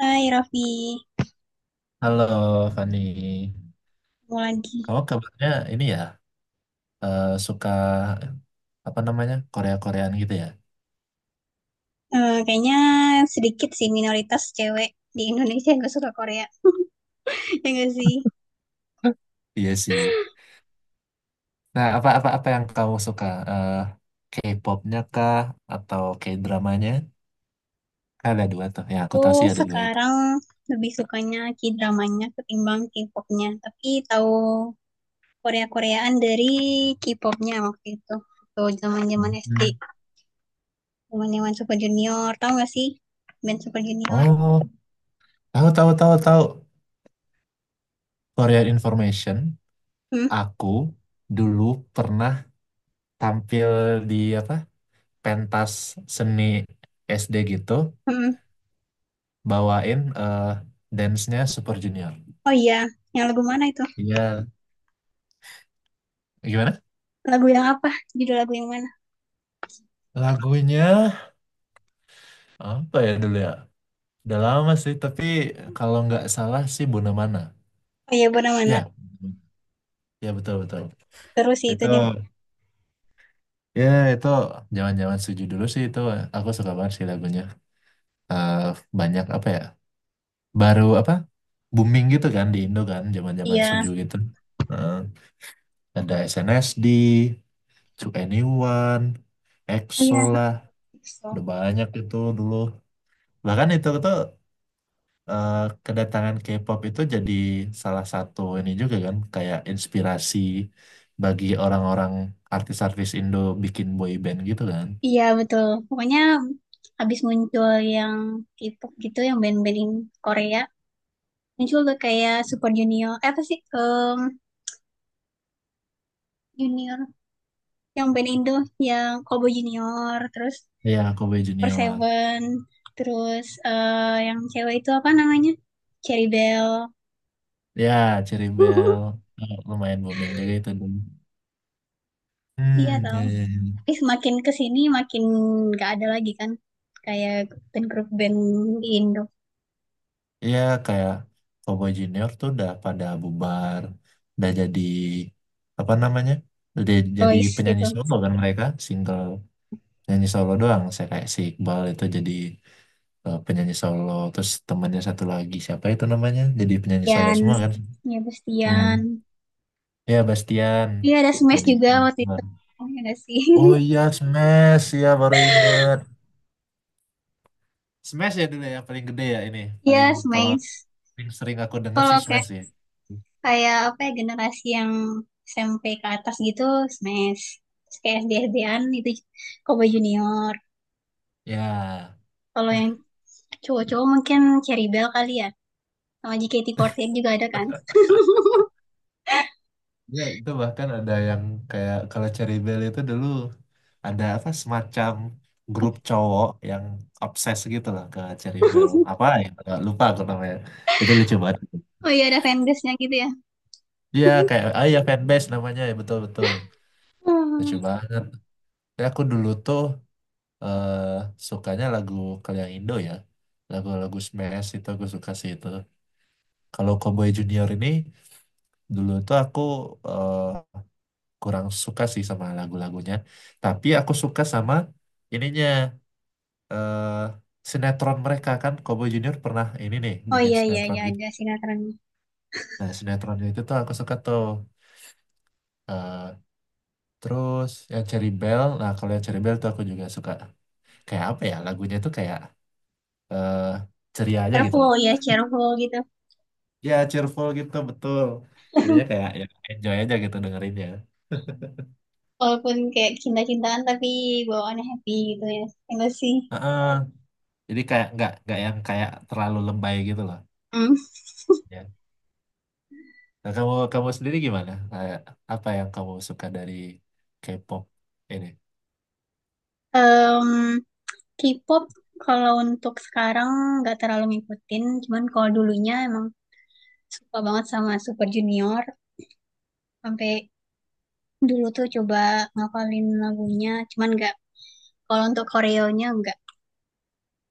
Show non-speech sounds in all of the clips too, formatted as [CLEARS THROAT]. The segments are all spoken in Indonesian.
Hai Raffi, Halo Fani, mau lagi. kamu kabarnya ini ya suka apa namanya Korea-Koreaan gitu ya? Kayaknya sedikit sih minoritas cewek di Indonesia yang gak suka Korea. [LAUGHS] Ya gak sih? Iya sih. Nah apa apa apa yang kamu suka? Eh, K-popnya kah atau K-dramanya? Kan ada dua tuh, ya aku tahu Tuh sih ada dua itu. sekarang lebih sukanya K-dramanya ketimbang K-popnya. Tapi tahu Korea-Koreaan dari K-popnya waktu itu. Tuh zaman-zaman SD, Mhm. zaman-zaman Super Junior. Tahu gak sih band Super Junior? Oh, tahu tahu tahu tahu Korean Information. Hmm? Aku dulu pernah tampil di apa pentas seni SD gitu, Hmm. bawain eh dance-nya Super Junior. Oh iya, yang lagu mana itu? Iya, gimana? Lagu yang apa? Judul lagu yang mana? Lagunya apa ya dulu ya? Udah lama sih, tapi kalau nggak salah sih Mana. Oh iya, benar mana? Ya, ya, betul betul. Terus sih itu, Itu Den. ya itu zaman-zaman suju dulu sih itu, aku suka banget sih lagunya. Eh, banyak apa ya? Baru apa? Booming gitu kan di Indo kan zaman-zaman Iya. suju gitu. Eh, ada SNSD, To Anyone, Oh EXO iya. lah, So. udah banyak itu dulu. Bahkan itu tuh eh, kedatangan K-pop itu jadi salah satu ini juga kan kayak inspirasi bagi orang-orang, artis-artis Indo bikin boy band gitu kan. Iya betul. Pokoknya habis muncul yang K-pop gitu, yang band-band in Korea, muncul tuh kayak Super Junior, apa sih? Junior, yang band Indo, yang Kobo Junior, terus Ya, Kobe Per Junior. Seven, terus yang cewek itu apa namanya? Cherry Bell. Ya, Cherry Bell. [LAUGHS] Eh, lumayan booming juga itu dulu. Iya Hmm, ya, tau. ya, ya. Tapi semakin kesini makin gak ada lagi kan, kayak band grup band Indo, Iya, kayak Cowboy Junior tuh udah pada bubar, udah jadi apa namanya? Udah jadi boys penyanyi gitu. solo kan mereka, single. Nyanyi solo doang, saya kayak si Iqbal itu jadi penyanyi solo, terus temannya satu lagi siapa itu namanya jadi penyanyi solo Yan, semua kan. ya Hmm. Bestian. Ya Bastian. Iya ada Smash Jadi juga waktu itu. Iya nggak sih? oh [LAUGHS] iya Smash ya baru inget. Smash ya dulu ya paling gede ya ini, paling Iya kalau Smash. paling sering aku denger Kalau sih kayak, Smash ya. kayak apa ya, generasi yang SMP ke atas gitu Smash. Terus kayak SD SD-an itu Kobe Junior. Ya. Kalau yang cowok-cowok mungkin Cherry Bell kali ya. Sama JKT48 juga ada kan? [LAUGHS] Ya, itu bahkan ada yang kayak kalau Cherry Bell itu dulu ada apa semacam grup cowok yang obses gitu lah ke Cherry Bell. Apa ya? Nggak lupa aku namanya. Itu lucu banget. Oh iya ada fanbase-nya gitu ya. Iya kayak ah ya fanbase namanya ya, betul betul. Lucu Hmm. banget. Ya, aku dulu tuh eh sukanya lagu kalau yang Indo ya. Lagu-lagu Smash itu aku suka sih itu. Kalau Cowboy Junior ini dulu tuh aku eh, kurang suka sih sama lagu-lagunya. Tapi aku suka sama ininya, eh sinetron mereka, kan Cowboy Junior pernah ini nih Oh bikin iya iya sinetron iya gitu. ada sinetron. Nah, sinetronnya itu tuh aku suka tuh. Eh, terus yang Cherry Bell, nah kalau yang Cherry Bell tuh aku juga suka. Kayak apa ya? Lagunya tuh kayak eh ceria aja gitu Cheerful loh. ya cheerful gitu. Ya, cheerful gitu, betul. Jadinya kayak ya enjoy aja gitu dengerinnya. Walaupun kayak cinta-cintaan tapi bawaannya happy gitu ya. Enggak sih. Heeh. Jadi kayak nggak yang kayak terlalu lebay gitu loh. Hmm. Ya. Nah, kamu kamu sendiri gimana? Kayak apa yang kamu suka dari K-pop ini? Em, K-pop kalau untuk sekarang nggak terlalu ngikutin, cuman kalau dulunya emang suka banget sama Super Junior, sampai dulu tuh coba ngapalin lagunya, cuman nggak. Kalau untuk koreonya nggak.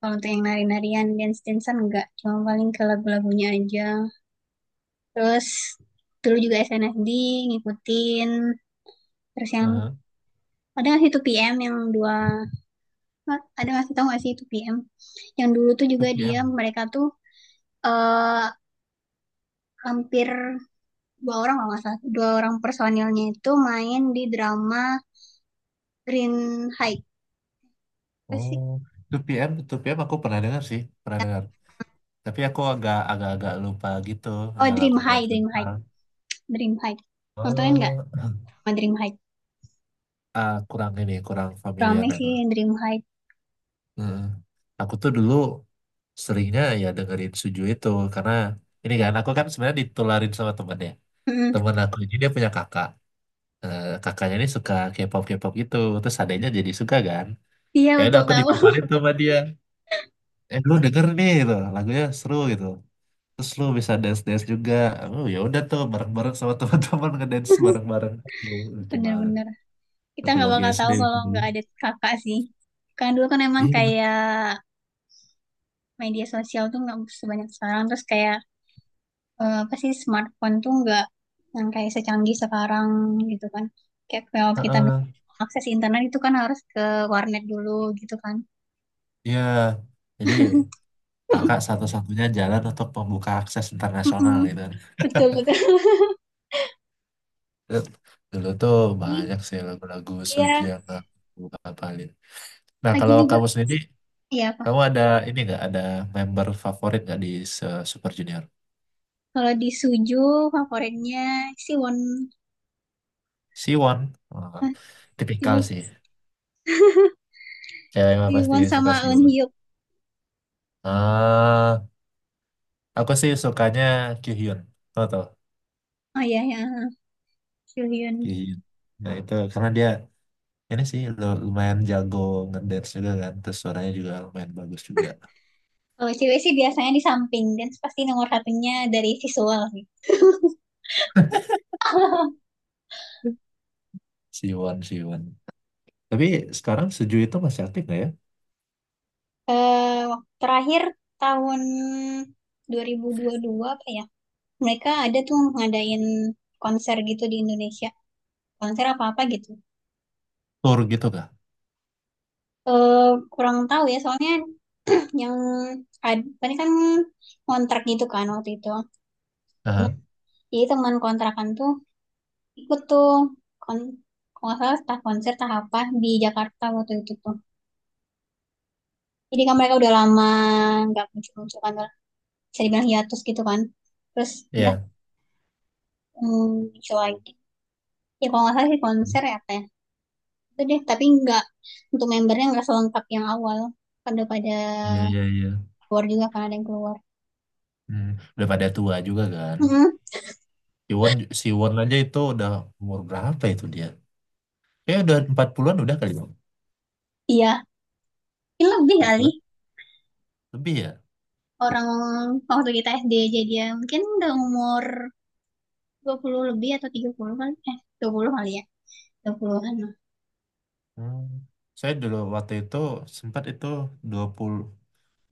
Kalau untuk yang nari-narian, dance-dancean nggak. Cuma paling ke lagu-lagunya aja. Terus dulu juga SNSD ngikutin. Terus yang Heeh. ada nggak sih 2PM yang dua, ada nggak sih, tau nggak sih 2PM yang dulu tuh juga dia 2PM. mereka tuh eh hampir dua orang, kalau nggak salah dua orang personilnya itu main di drama Green High apa sih, Oh, 2PM, 2PM aku pernah dengar sih, pernah dengar. Tapi aku agak agak agak lupa gitu oh, ya Dream lagu High, mereka. Dream High. Parah. Dream High nontonin nggak? eh, Sama Dream High Ah, kurang ini, kurang familiar rame ya, sih, Bang. Dream High. Heeh. Aku tuh dulu seringnya ya dengerin Suju itu karena ini kan aku kan sebenarnya ditularin sama temen ya. Mm-mm. Temen aku ini dia punya kakak. Kakaknya ini suka K-pop gitu terus adanya jadi suka kan. Iya Ya udah betul aku tahu. dipaparin tuh sama dia, lu denger nih gitu lagunya seru gitu, terus lu bisa dance dance juga. Oh ya udah tuh bareng bareng sama [LAUGHS] teman-teman ngedance bareng bareng. Oh, [LAUGHS] lucu banget. Bener-bener kita Satu nggak lagi bakal SD tahu itu kalau dulu. nggak ada kakak sih. Kan dulu kan emang Iya. kayak media sosial tuh nggak sebanyak sekarang, terus kayak apa sih, smartphone tuh nggak yang kayak secanggih sekarang gitu kan, kayak kalau kita Heeh. akses internet itu kan harus ke warnet dulu gitu kan. Iya. Jadi kakak satu-satunya jalan untuk membuka akses internasional gitu kan. Betul betul. Terus dulu tuh banyak sih lagu-lagu Suju Iya, yang aku hafalin. Nah lagi kalau juga. kamu sendiri, Iya apa? kamu ada ini nggak, ada member favorit nggak di se- Super Junior? Kalau di Suju favoritnya si Won. Siwon. Ah, Hah, tipikal dulu sih. Cewek mah si pasti Won suka sama Eun Siwon. Hyuk. Ah, aku sih sukanya Kyuhyun. Tau tau Oh iya ya, Soo Hyun. Kyuhyun. Nah itu karena dia ini sih lu- lumayan jago ngedance juga kan. Terus suaranya juga lumayan bagus juga. Kalau cewek sih biasanya di samping dan pasti nomor satunya dari visual sih. [LAUGHS] Siwon, Siwon. Tapi sekarang Suju itu masih aktif nggak ya? Terakhir tahun 2022 apa ya? Mereka ada tuh ngadain konser gitu di Indonesia. Konser apa-apa gitu. Tour gitu kah? eh kurang tahu ya soalnya [CLEARS THROAT] yang ini kan kontrak gitu kan waktu itu. Nah, Aha. jadi teman kontrakan tuh ikut tuh kon kalau nggak salah entah konser entah apa di Jakarta waktu itu tuh. Jadi kan mereka udah lama nggak muncul-muncul kan, udah bisa dibilang hiatus gitu kan. Terus udah, Iya. hmm, muncul lagi. Ya kalau nggak salah sih konser ya apa ya. Itu deh, tapi nggak untuk membernya nggak selengkap yang awal. Pada pada Iya, iya, iya. keluar juga kan, ada yang keluar. Hmm. Udah pada tua juga kan. Mm-mm. Si Won, si Won aja itu udah umur berapa itu dia? Ya udah 40-an udah kali Bang. Iya, ini lebih kali. 40-an lebih ya. Orang waktu kita SD aja dia mungkin udah umur 20 lebih atau 30 kan, eh, 20 kali ya, 20-an lah. Hmm. Saya dulu waktu itu sempat itu 20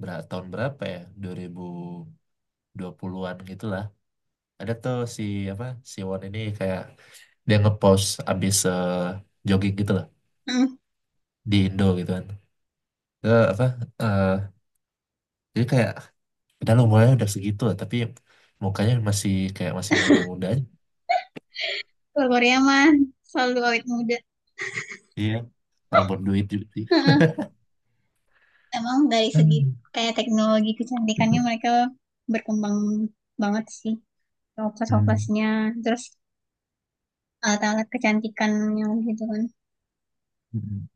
berapa tahun berapa ya? 2020-an gitulah. Ada tuh si apa? Si Won ini kayak dia ngepost abis jogging gitu lah Hmm, di Indo gitu kan. Eh, apa? eh, jadi kayak udah lah, umurnya udah segitu lah, tapi mukanya masih kayak masih muda-muda aja. kalau Korea mah selalu awet muda. Iya. Orang berduit juga sih. Heeh. Emang dari segi Hmm. kayak teknologi kecantikannya mereka berkembang banget sih, Hmm. toples-toplesnya terus alat-alat kecantikannya gitu kan. Mm-mm.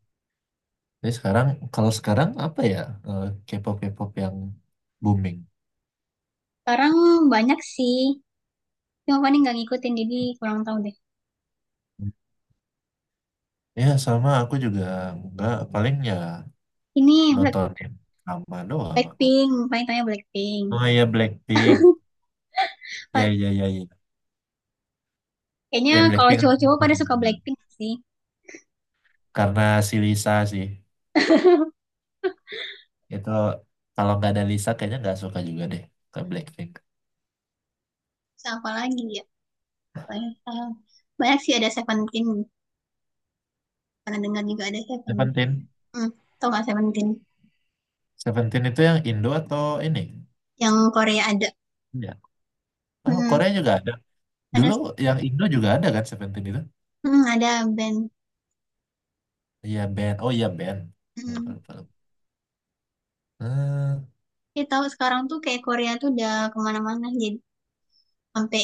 Tapi sekarang, kalau sekarang apa ya, K-pop K-pop yang booming? Sekarang banyak sih, cuma paling nggak ngikutin jadi kurang tahu deh. Hmm. Ya sama aku juga nggak paling ya Ini Black nonton yang sama doang aku. Blackpink paling, tanya Blackpink. Oh iya Blackpink. Ya Pa- ya ya ya. Kayaknya Ya kalau Blackpink aku cowok-cowok pada masih suka denger Blackpink sih. karena si Lisa sih. Itu kalau nggak ada Lisa kayaknya nggak suka juga deh ke Blackpink. Terus apa lagi ya? Banyak, eh, banyak sih ada Seventeen. Pernah dengar juga ada Seventeen. Seventeen. Hmm, tau gak Seventeen? Seventeen itu yang Indo atau ini? Yang Korea ada. Ya. Oh, Hmm, Korea juga ada. ada Dulu yang Indo juga ada kan Seventeen itu? ada band. Iya band. Oh iya band. Ya, Hmm. film- film. Eh, Ya, tahu sekarang tuh kayak Korea tuh udah kemana-mana. Jadi sampai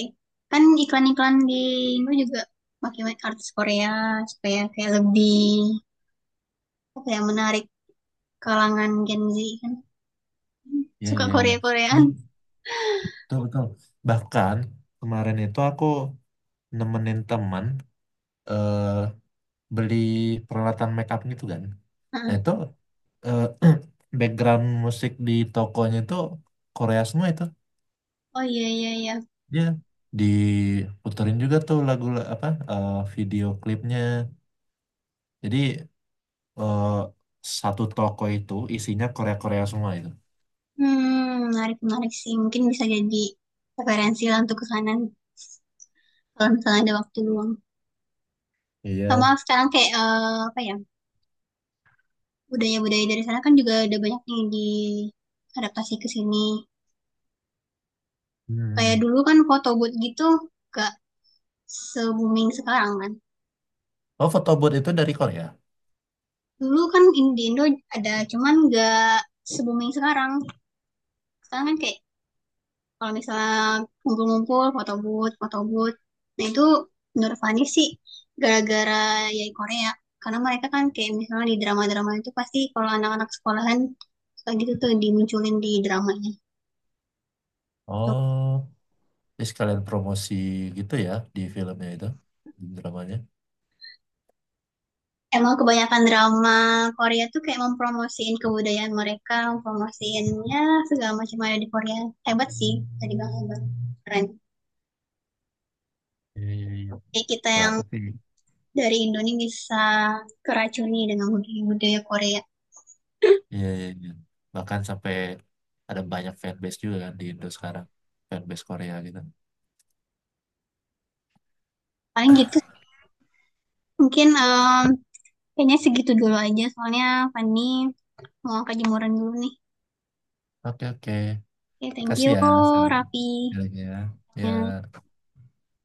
kan iklan-iklan di Indo juga pakai artis Korea supaya kayak lebih apa ya menarik kalangan Gen Z kan. Hmm, iya, suka iya, iya. Korea-Koreaan. Wih, Betul betul. Bahkan kemarin itu aku nemenin teman eh beli peralatan make up gitu kan. Nah Heeh. itu eh, [CLEARS THROAT] background musik di tokonya itu Korea semua itu. Oh iya iya iya. Dia diputerin juga tuh lagu la- apa video klipnya. Jadi eh, satu toko itu isinya Korea-Korea semua itu. Hmm, menarik-menarik sih. Mungkin bisa jadi referensi lah untuk ke kanan kalau misalnya ada waktu luang. Sama Iya. sekarang kayak apa ya, budaya-budaya dari sana kan juga ada banyak nih diadaptasi ke sini. Kayak Hmm. dulu kan foto booth gitu gak se-booming sekarang kan. Oh, foto booth itu dari Korea. Dulu kan di Indo ada cuman gak se-booming sekarang. Sekarang kan kayak, kalau misalnya ngumpul-ngumpul, foto booth, foto booth. Nah itu menurut Fani sih gara-gara ya Korea. Karena mereka kan kayak misalnya di drama-drama itu pasti kalau anak-anak sekolahan suka gitu tuh dimunculin di dramanya. Oh, jadi sekalian promosi gitu ya di filmnya itu, di dramanya. Emang kebanyakan drama Korea tuh kayak mempromosiin kebudayaan mereka, mempromosiin ya segala macam ada di Korea. Hebat sih, tadi bang hebat, keren. Iya, iya, iya. Kayak kita Kalau yang aku sih, dari Indonesia bisa keracuni dengan budaya-budaya Korea. iya, iya, iya. Bahkan sampai ada banyak fanbase juga kan di Indo sekarang, fanbase Korea gitu. Paling gitu. Mungkin kayaknya segitu dulu aja, soalnya Fanny mau ke jemuran dulu nih. Oke, oke. Oke, thank Makasih you, ya, Sarah. Ya, Raffi. ya. Ya. Ya.